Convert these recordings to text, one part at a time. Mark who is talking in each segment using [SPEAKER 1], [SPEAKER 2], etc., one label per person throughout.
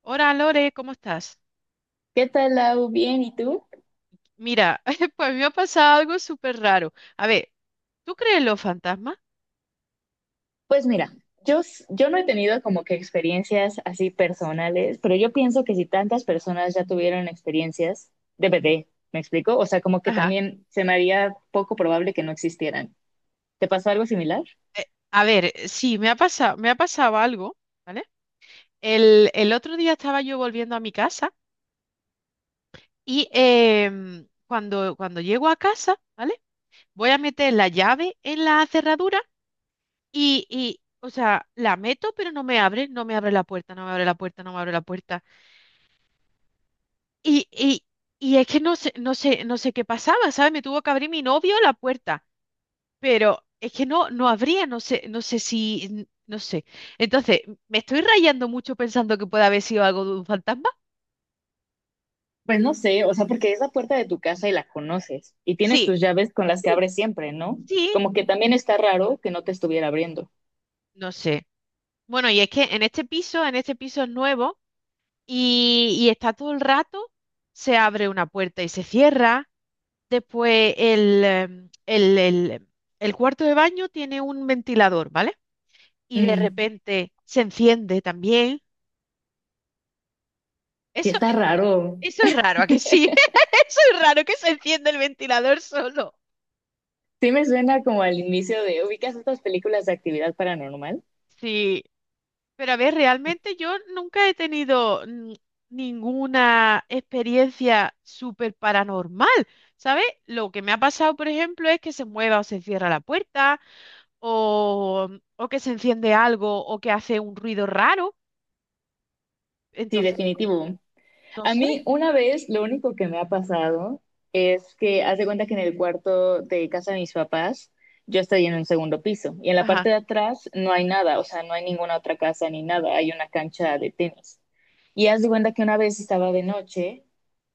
[SPEAKER 1] Hola Lore, ¿cómo estás?
[SPEAKER 2] ¿Qué tal, Lau? Bien, ¿y tú?
[SPEAKER 1] Mira, pues me ha pasado algo súper raro. A ver, ¿tú crees en los fantasmas?
[SPEAKER 2] Pues mira, yo no he tenido como que experiencias así personales, pero yo pienso que si tantas personas ya tuvieron experiencias, DPT, ¿me explico? O sea, como que
[SPEAKER 1] Ajá.
[SPEAKER 2] también se me haría poco probable que no existieran. ¿Te pasó algo similar?
[SPEAKER 1] Eh, a ver, sí, me ha pasado algo, ¿vale? El otro día estaba yo volviendo a mi casa y cuando llego a casa, ¿vale? Voy a meter la llave en la cerradura o sea, la meto, pero no me abre la puerta, no me abre la puerta, no me abre la puerta. Y, y, y es que no sé qué pasaba, ¿sabes? Me tuvo que abrir mi novio la puerta. Pero es que no, no habría, no sé si, no sé. Entonces, ¿me estoy rayando mucho pensando que puede haber sido algo de un fantasma?
[SPEAKER 2] Pues no sé, o sea, porque es la puerta de tu casa y la conoces y tienes
[SPEAKER 1] Sí,
[SPEAKER 2] tus llaves con las que
[SPEAKER 1] sí,
[SPEAKER 2] abres siempre, ¿no?
[SPEAKER 1] sí,
[SPEAKER 2] Como que también está raro que no te estuviera abriendo.
[SPEAKER 1] no sé. Bueno, y es que en en este piso es nuevo y está todo el rato, se abre una puerta y se cierra. Después el, em, el cuarto de baño tiene un ventilador, ¿vale? Y de
[SPEAKER 2] Mm,
[SPEAKER 1] repente se enciende también.
[SPEAKER 2] sí
[SPEAKER 1] Eso,
[SPEAKER 2] está
[SPEAKER 1] eso
[SPEAKER 2] raro.
[SPEAKER 1] eso es raro, ¿a que sí? Eso es raro que se encienda el ventilador solo.
[SPEAKER 2] Sí me suena como al inicio de, ¿ubicas estas películas de actividad paranormal?
[SPEAKER 1] Sí, pero a ver, realmente yo nunca he tenido ninguna experiencia súper paranormal, ¿sabes? Lo que me ha pasado, por ejemplo, es que se mueva o se cierra la puerta, o, o que se enciende algo, o que hace un ruido raro.
[SPEAKER 2] Sí,
[SPEAKER 1] Entonces,
[SPEAKER 2] definitivo.
[SPEAKER 1] no
[SPEAKER 2] A
[SPEAKER 1] sé.
[SPEAKER 2] mí una vez lo único que me ha pasado es que haz de cuenta que en el cuarto de casa de mis papás yo estoy en un segundo piso y en la parte
[SPEAKER 1] Ajá,
[SPEAKER 2] de atrás no hay nada, o sea, no hay ninguna otra casa ni nada, hay una cancha de tenis. Y haz de cuenta que una vez estaba de noche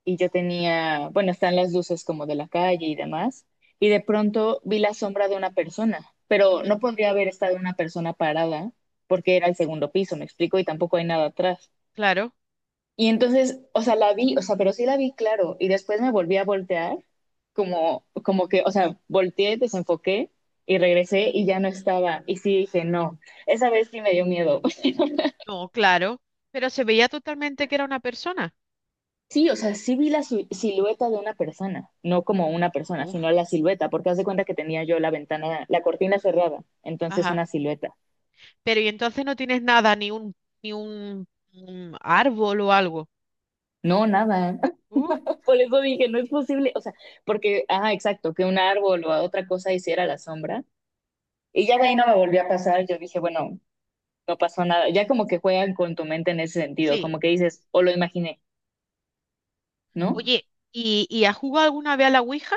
[SPEAKER 2] y yo tenía, bueno, están las luces como de la calle y demás, y de pronto vi la sombra de una persona, pero
[SPEAKER 1] ujú,
[SPEAKER 2] no podría haber estado una persona parada porque era el segundo piso, me explico, y tampoco hay nada atrás.
[SPEAKER 1] claro,
[SPEAKER 2] Y entonces, o sea, la vi, o sea, pero sí la vi, claro, y después me volví a voltear, como que, o sea, volteé, desenfoqué y regresé y ya no estaba. Y sí dije, no, esa vez sí me dio miedo.
[SPEAKER 1] no, claro. Pero se veía totalmente que era una persona.
[SPEAKER 2] Sí, o sea, sí vi la silueta de una persona, no como una persona,
[SPEAKER 1] Uf,
[SPEAKER 2] sino la silueta, porque haz de cuenta que tenía yo la ventana, la cortina cerrada, entonces
[SPEAKER 1] ajá.
[SPEAKER 2] una silueta.
[SPEAKER 1] Pero y entonces no tienes nada, ni un, un árbol o algo.
[SPEAKER 2] No, nada.
[SPEAKER 1] Uh,
[SPEAKER 2] Por eso dije, no es posible, o sea, porque, ajá, exacto, que un árbol o otra cosa hiciera la sombra. Y ya de ahí no me volvió a pasar, yo dije, bueno. No pasó nada. Ya como que juegan con tu mente en ese sentido,
[SPEAKER 1] sí.
[SPEAKER 2] como que dices, o lo imaginé, ¿no?
[SPEAKER 1] Oye, y has jugado alguna vez a la Ouija?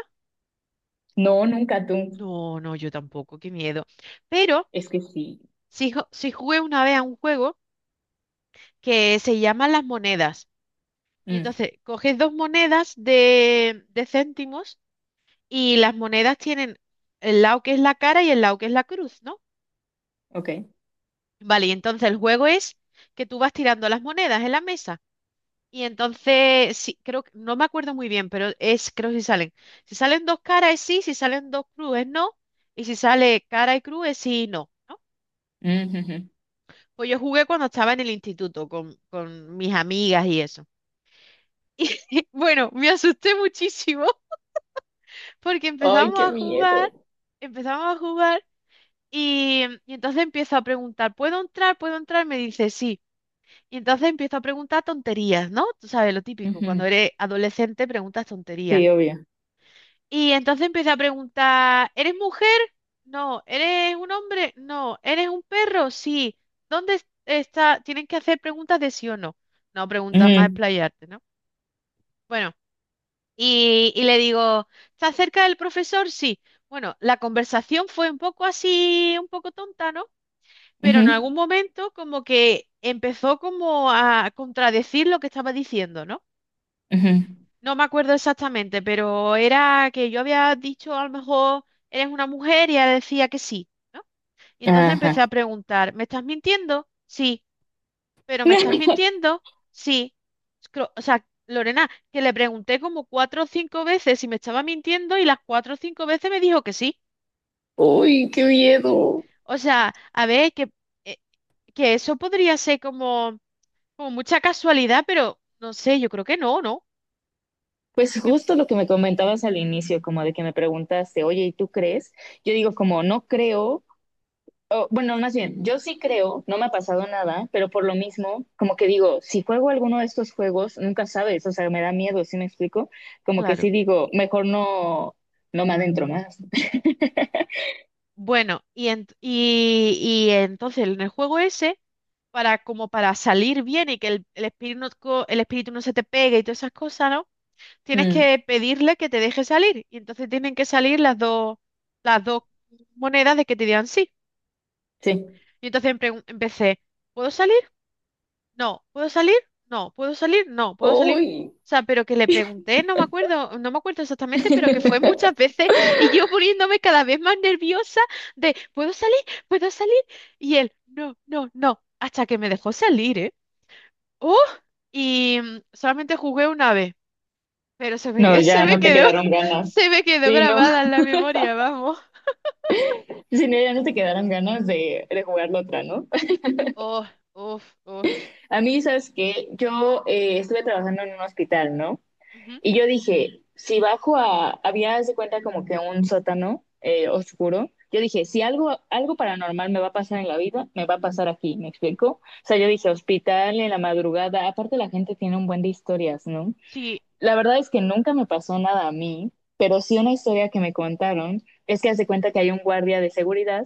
[SPEAKER 2] No, nunca tú.
[SPEAKER 1] No, no, yo tampoco, qué miedo. Pero
[SPEAKER 2] Es que sí.
[SPEAKER 1] sí, sí jugué una vez a un juego que se llama Las Monedas. Y
[SPEAKER 2] Mm,
[SPEAKER 1] entonces coges dos monedas de céntimos y las monedas tienen el lado que es la cara y el lado que es la cruz, ¿no?
[SPEAKER 2] ok.
[SPEAKER 1] Vale, y entonces el juego es que tú vas tirando las monedas en la mesa. Y entonces, sí, creo que, no me acuerdo muy bien, pero es, creo que si salen. Si salen dos caras es sí, si salen dos cruz es no, y si sale cara y cruz es sí y no, ¿no?
[SPEAKER 2] Mm, ujú.
[SPEAKER 1] Pues yo jugué cuando estaba en el instituto con mis amigas y eso. Y bueno, me asusté muchísimo porque
[SPEAKER 2] Ay, qué miedo.
[SPEAKER 1] empezamos a jugar y entonces empiezo a preguntar, ¿puedo entrar? ¿Puedo entrar? Me dice sí. Y entonces empiezo a preguntar tonterías, ¿no? Tú sabes lo típico, cuando
[SPEAKER 2] Ujú.
[SPEAKER 1] eres adolescente preguntas tonterías.
[SPEAKER 2] Sí, obvio.
[SPEAKER 1] Y entonces empieza a preguntar, ¿eres mujer? No, ¿eres un hombre? No, ¿eres un perro? Sí. ¿Dónde está? Tienen que hacer preguntas de sí o no. No preguntas más
[SPEAKER 2] Ujú,
[SPEAKER 1] explayarte, ¿no? Bueno, y le digo, ¿estás cerca del profesor? Sí. Bueno, la conversación fue un poco así, un poco tonta, ¿no? Pero en
[SPEAKER 2] ujú,
[SPEAKER 1] algún momento como que empezó como a contradecir lo que estaba diciendo, ¿no?
[SPEAKER 2] ujú.
[SPEAKER 1] No me acuerdo exactamente, pero era que yo había dicho a lo mejor eres una mujer y ella decía que sí, ¿no? Y entonces empecé
[SPEAKER 2] Ajá.
[SPEAKER 1] a preguntar, ¿me estás mintiendo? Sí, pero ¿me estás mintiendo? Sí. O sea, Lorena, que le pregunté como cuatro o cinco veces si me estaba mintiendo y las cuatro o cinco veces me dijo que sí.
[SPEAKER 2] Uy, qué miedo.
[SPEAKER 1] O sea, a ver, eh, que eso podría ser como, como mucha casualidad, pero no sé, yo creo que no, ¿no?
[SPEAKER 2] Pues
[SPEAKER 1] Tú que,
[SPEAKER 2] justo lo que me comentabas al inicio, como de que me preguntaste, oye, ¿y tú crees? Yo digo como no creo, o, bueno, más bien, yo sí creo, no me ha pasado nada, pero por lo mismo, como que digo, si juego alguno de estos juegos, nunca sabes, o sea, me da miedo, ¿sí me explico? Como que
[SPEAKER 1] claro.
[SPEAKER 2] sí digo, mejor no, no me adentro más.
[SPEAKER 1] Bueno, y entonces en el juego ese, para como para salir bien y que el espíritu no se te pegue y todas esas cosas, ¿no? Tienes
[SPEAKER 2] Mm,
[SPEAKER 1] que pedirle que te deje salir. Y entonces tienen que salir las dos monedas de que te digan sí.
[SPEAKER 2] sí.
[SPEAKER 1] Y entonces empecé, ¿puedo salir? No, ¿puedo salir? No, ¿puedo salir? No, ¿puedo salir?
[SPEAKER 2] Uy.
[SPEAKER 1] O sea, pero que le pregunté, no me acuerdo exactamente, pero que fue muchas veces y yo poniéndome cada vez más nerviosa de, ¿puedo salir? ¿Puedo salir? Y él, no, no, no, hasta que me dejó salir, ¿eh? ¡Oh! Y solamente jugué una vez, pero
[SPEAKER 2] No, ya no te quedaron ganas.
[SPEAKER 1] se me quedó
[SPEAKER 2] Sí, no,
[SPEAKER 1] grabada en la memoria, vamos.
[SPEAKER 2] sí, no, ya no te quedaron ganas de jugarlo otra, ¿no?
[SPEAKER 1] Oh, oh, oh.
[SPEAKER 2] A mí, ¿sabes qué? Yo estuve trabajando en un hospital, ¿no?
[SPEAKER 1] ujú,
[SPEAKER 2] Y yo dije, si bajo a, había, haz de cuenta como que un sótano oscuro, yo dije, si algo, algo paranormal me va a pasar en la vida, me va a pasar aquí, ¿me explico? O sea, yo dije, hospital en la madrugada, aparte la gente tiene un buen de historias, ¿no?
[SPEAKER 1] Sí.
[SPEAKER 2] La verdad es que nunca me pasó nada a mí, pero sí una historia que me contaron es que hace cuenta que hay un guardia de seguridad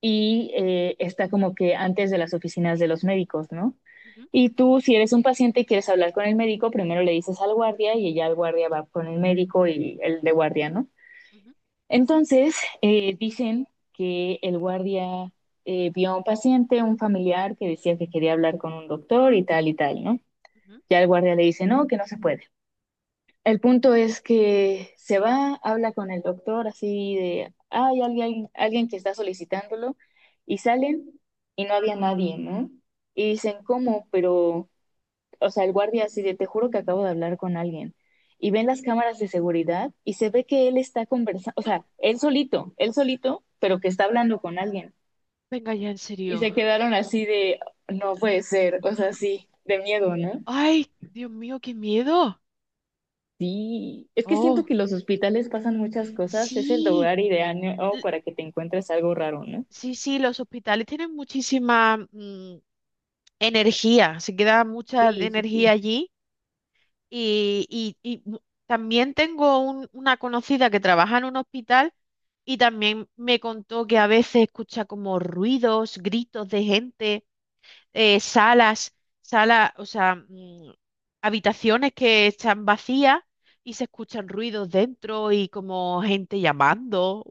[SPEAKER 2] y está como que antes de las oficinas de los médicos, ¿no?
[SPEAKER 1] ujú,
[SPEAKER 2] Y tú, si eres un paciente y quieres hablar con el médico, primero le dices al guardia y ya el guardia va con el médico y el de guardia, ¿no?
[SPEAKER 1] ujú,
[SPEAKER 2] Entonces, dicen que el guardia vio a un paciente, un familiar que decía que quería hablar con un doctor y tal, ¿no?
[SPEAKER 1] ujú.
[SPEAKER 2] Ya el guardia le dice, no, que no se puede. El punto es que se va, habla con el doctor así de, ah, hay alguien, alguien que está solicitándolo y salen y no había nadie, ¿no? Y dicen, ¿cómo? Pero o sea, el guardia así de, te juro que acabo de hablar con alguien. Y ven las cámaras de seguridad y se ve que él está conversando, o sea, él solito, pero que está hablando con alguien.
[SPEAKER 1] Venga ya, en
[SPEAKER 2] Y
[SPEAKER 1] serio.
[SPEAKER 2] se quedaron así de, no puede ser, o sea, sí, de miedo, ¿no?
[SPEAKER 1] Ay, Dios mío, qué miedo.
[SPEAKER 2] Sí, es que siento
[SPEAKER 1] Oh,
[SPEAKER 2] que los hospitales pasan muchas cosas, es el
[SPEAKER 1] sí,
[SPEAKER 2] lugar ideal, ¿no?,
[SPEAKER 1] l-
[SPEAKER 2] para que te encuentres algo raro, ¿no?
[SPEAKER 1] sí, sí, los hospitales tienen muchísima energía, se queda mucha de
[SPEAKER 2] Sí, sí,
[SPEAKER 1] energía
[SPEAKER 2] sí.
[SPEAKER 1] allí y también tengo una conocida que trabaja en un hospital y también me contó que a veces escucha como ruidos, gritos de gente, eh, salas, salas, o sea, habitaciones que están vacías y se escuchan ruidos dentro y como gente llamando.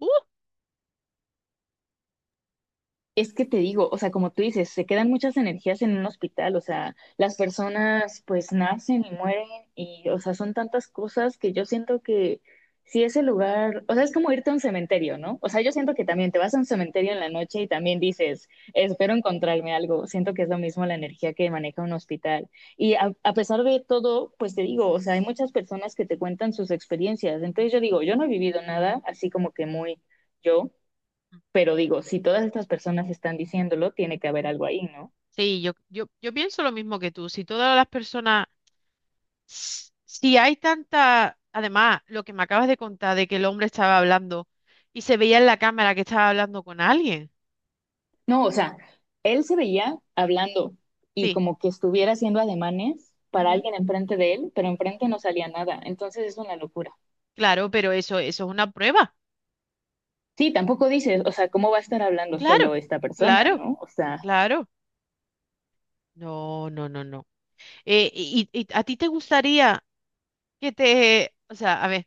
[SPEAKER 2] Es que te digo, o sea, como tú dices, se quedan muchas energías en un hospital, o sea, las personas pues nacen y mueren y, o sea, son tantas cosas que yo siento que si ese lugar, o sea, es como irte a un cementerio, ¿no? O sea, yo siento que también te vas a un cementerio
[SPEAKER 1] ¡Uh!
[SPEAKER 2] en la noche y también dices, espero encontrarme algo, siento que es lo mismo la energía que maneja un hospital. Y a pesar de todo, pues te digo, o sea, hay muchas personas que te cuentan sus experiencias, entonces yo digo, yo no he vivido nada así como que muy yo. Pero digo, si todas estas personas están diciéndolo, tiene que haber algo ahí, ¿no?
[SPEAKER 1] Sí, yo pienso lo mismo que tú. Si todas las personas, si hay tanta, además, lo que me acabas de contar de que el hombre estaba hablando y se veía en la cámara que estaba hablando con alguien.
[SPEAKER 2] No, o sea, él se veía hablando y
[SPEAKER 1] Sí,
[SPEAKER 2] como que estuviera haciendo ademanes para
[SPEAKER 1] ujú,
[SPEAKER 2] alguien enfrente de él, pero
[SPEAKER 1] mm,
[SPEAKER 2] enfrente no salía nada. Entonces es una locura.
[SPEAKER 1] Claro, pero eso es una prueba.
[SPEAKER 2] Sí, tampoco dices, o sea, ¿cómo va a estar hablando
[SPEAKER 1] Claro,
[SPEAKER 2] solo esta persona,
[SPEAKER 1] claro,
[SPEAKER 2] no? O sea,
[SPEAKER 1] claro. No, no, no, no. Y a ti te gustaría que te, o sea, a ver.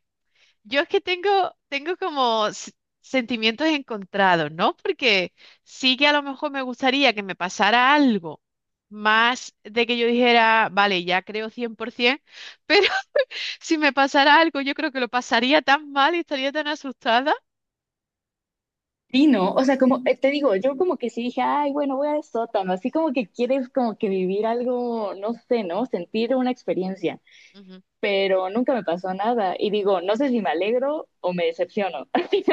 [SPEAKER 1] Yo es que tengo, tengo como sentimientos encontrados, ¿no? Porque sí que a lo mejor me gustaría que me pasara algo más de que yo dijera, vale, ya creo 100%, pero si me pasara algo, yo creo que lo pasaría tan mal y estaría tan asustada.
[SPEAKER 2] sí, no. O sea, como te digo, yo como que sí dije, ay, bueno, voy al sótano. Así como que quieres como que vivir algo, no sé, ¿no? Sentir una experiencia.
[SPEAKER 1] Ujú.
[SPEAKER 2] Pero nunca me pasó nada. Y digo, no sé si me alegro o me decepciono.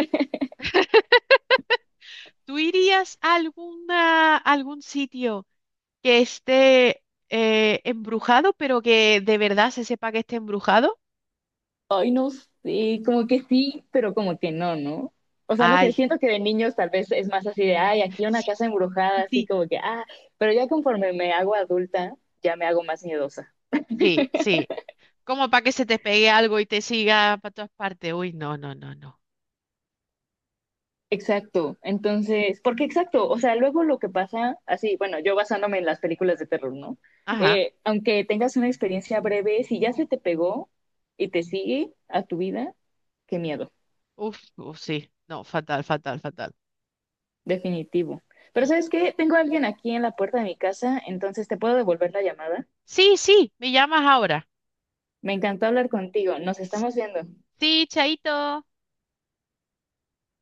[SPEAKER 1] ¿Tú irías a alguna, algún sitio que esté embrujado, pero que de verdad se sepa que esté embrujado?
[SPEAKER 2] Ay, no sé, como que sí, pero como que no, ¿no? O sea, no
[SPEAKER 1] Ay,
[SPEAKER 2] sé, siento que de niños tal vez es más así de, ay, aquí una
[SPEAKER 1] sí,
[SPEAKER 2] casa embrujada, así
[SPEAKER 1] sí,
[SPEAKER 2] como que, ah, pero ya conforme me hago adulta, ya me hago más miedosa.
[SPEAKER 1] sí. sí. Como para que se te pegue algo y te siga para todas partes. Uy, no, no, no, no.
[SPEAKER 2] Exacto, entonces, porque exacto, o sea, luego lo que pasa, así, bueno, yo basándome en las películas de terror, ¿no?
[SPEAKER 1] Ajá.
[SPEAKER 2] Aunque tengas una experiencia breve, si ya se te pegó y te sigue a tu vida, qué miedo,
[SPEAKER 1] Uf, uf, sí. No, fatal, fatal, fatal.
[SPEAKER 2] definitivo. Pero
[SPEAKER 1] Mm.
[SPEAKER 2] ¿sabes qué? Tengo a alguien aquí en la puerta de mi casa, entonces te puedo devolver la llamada.
[SPEAKER 1] Sí, sí, me llamas ahora.
[SPEAKER 2] Me encantó hablar contigo. Nos estamos viendo.
[SPEAKER 1] Sí, chaito.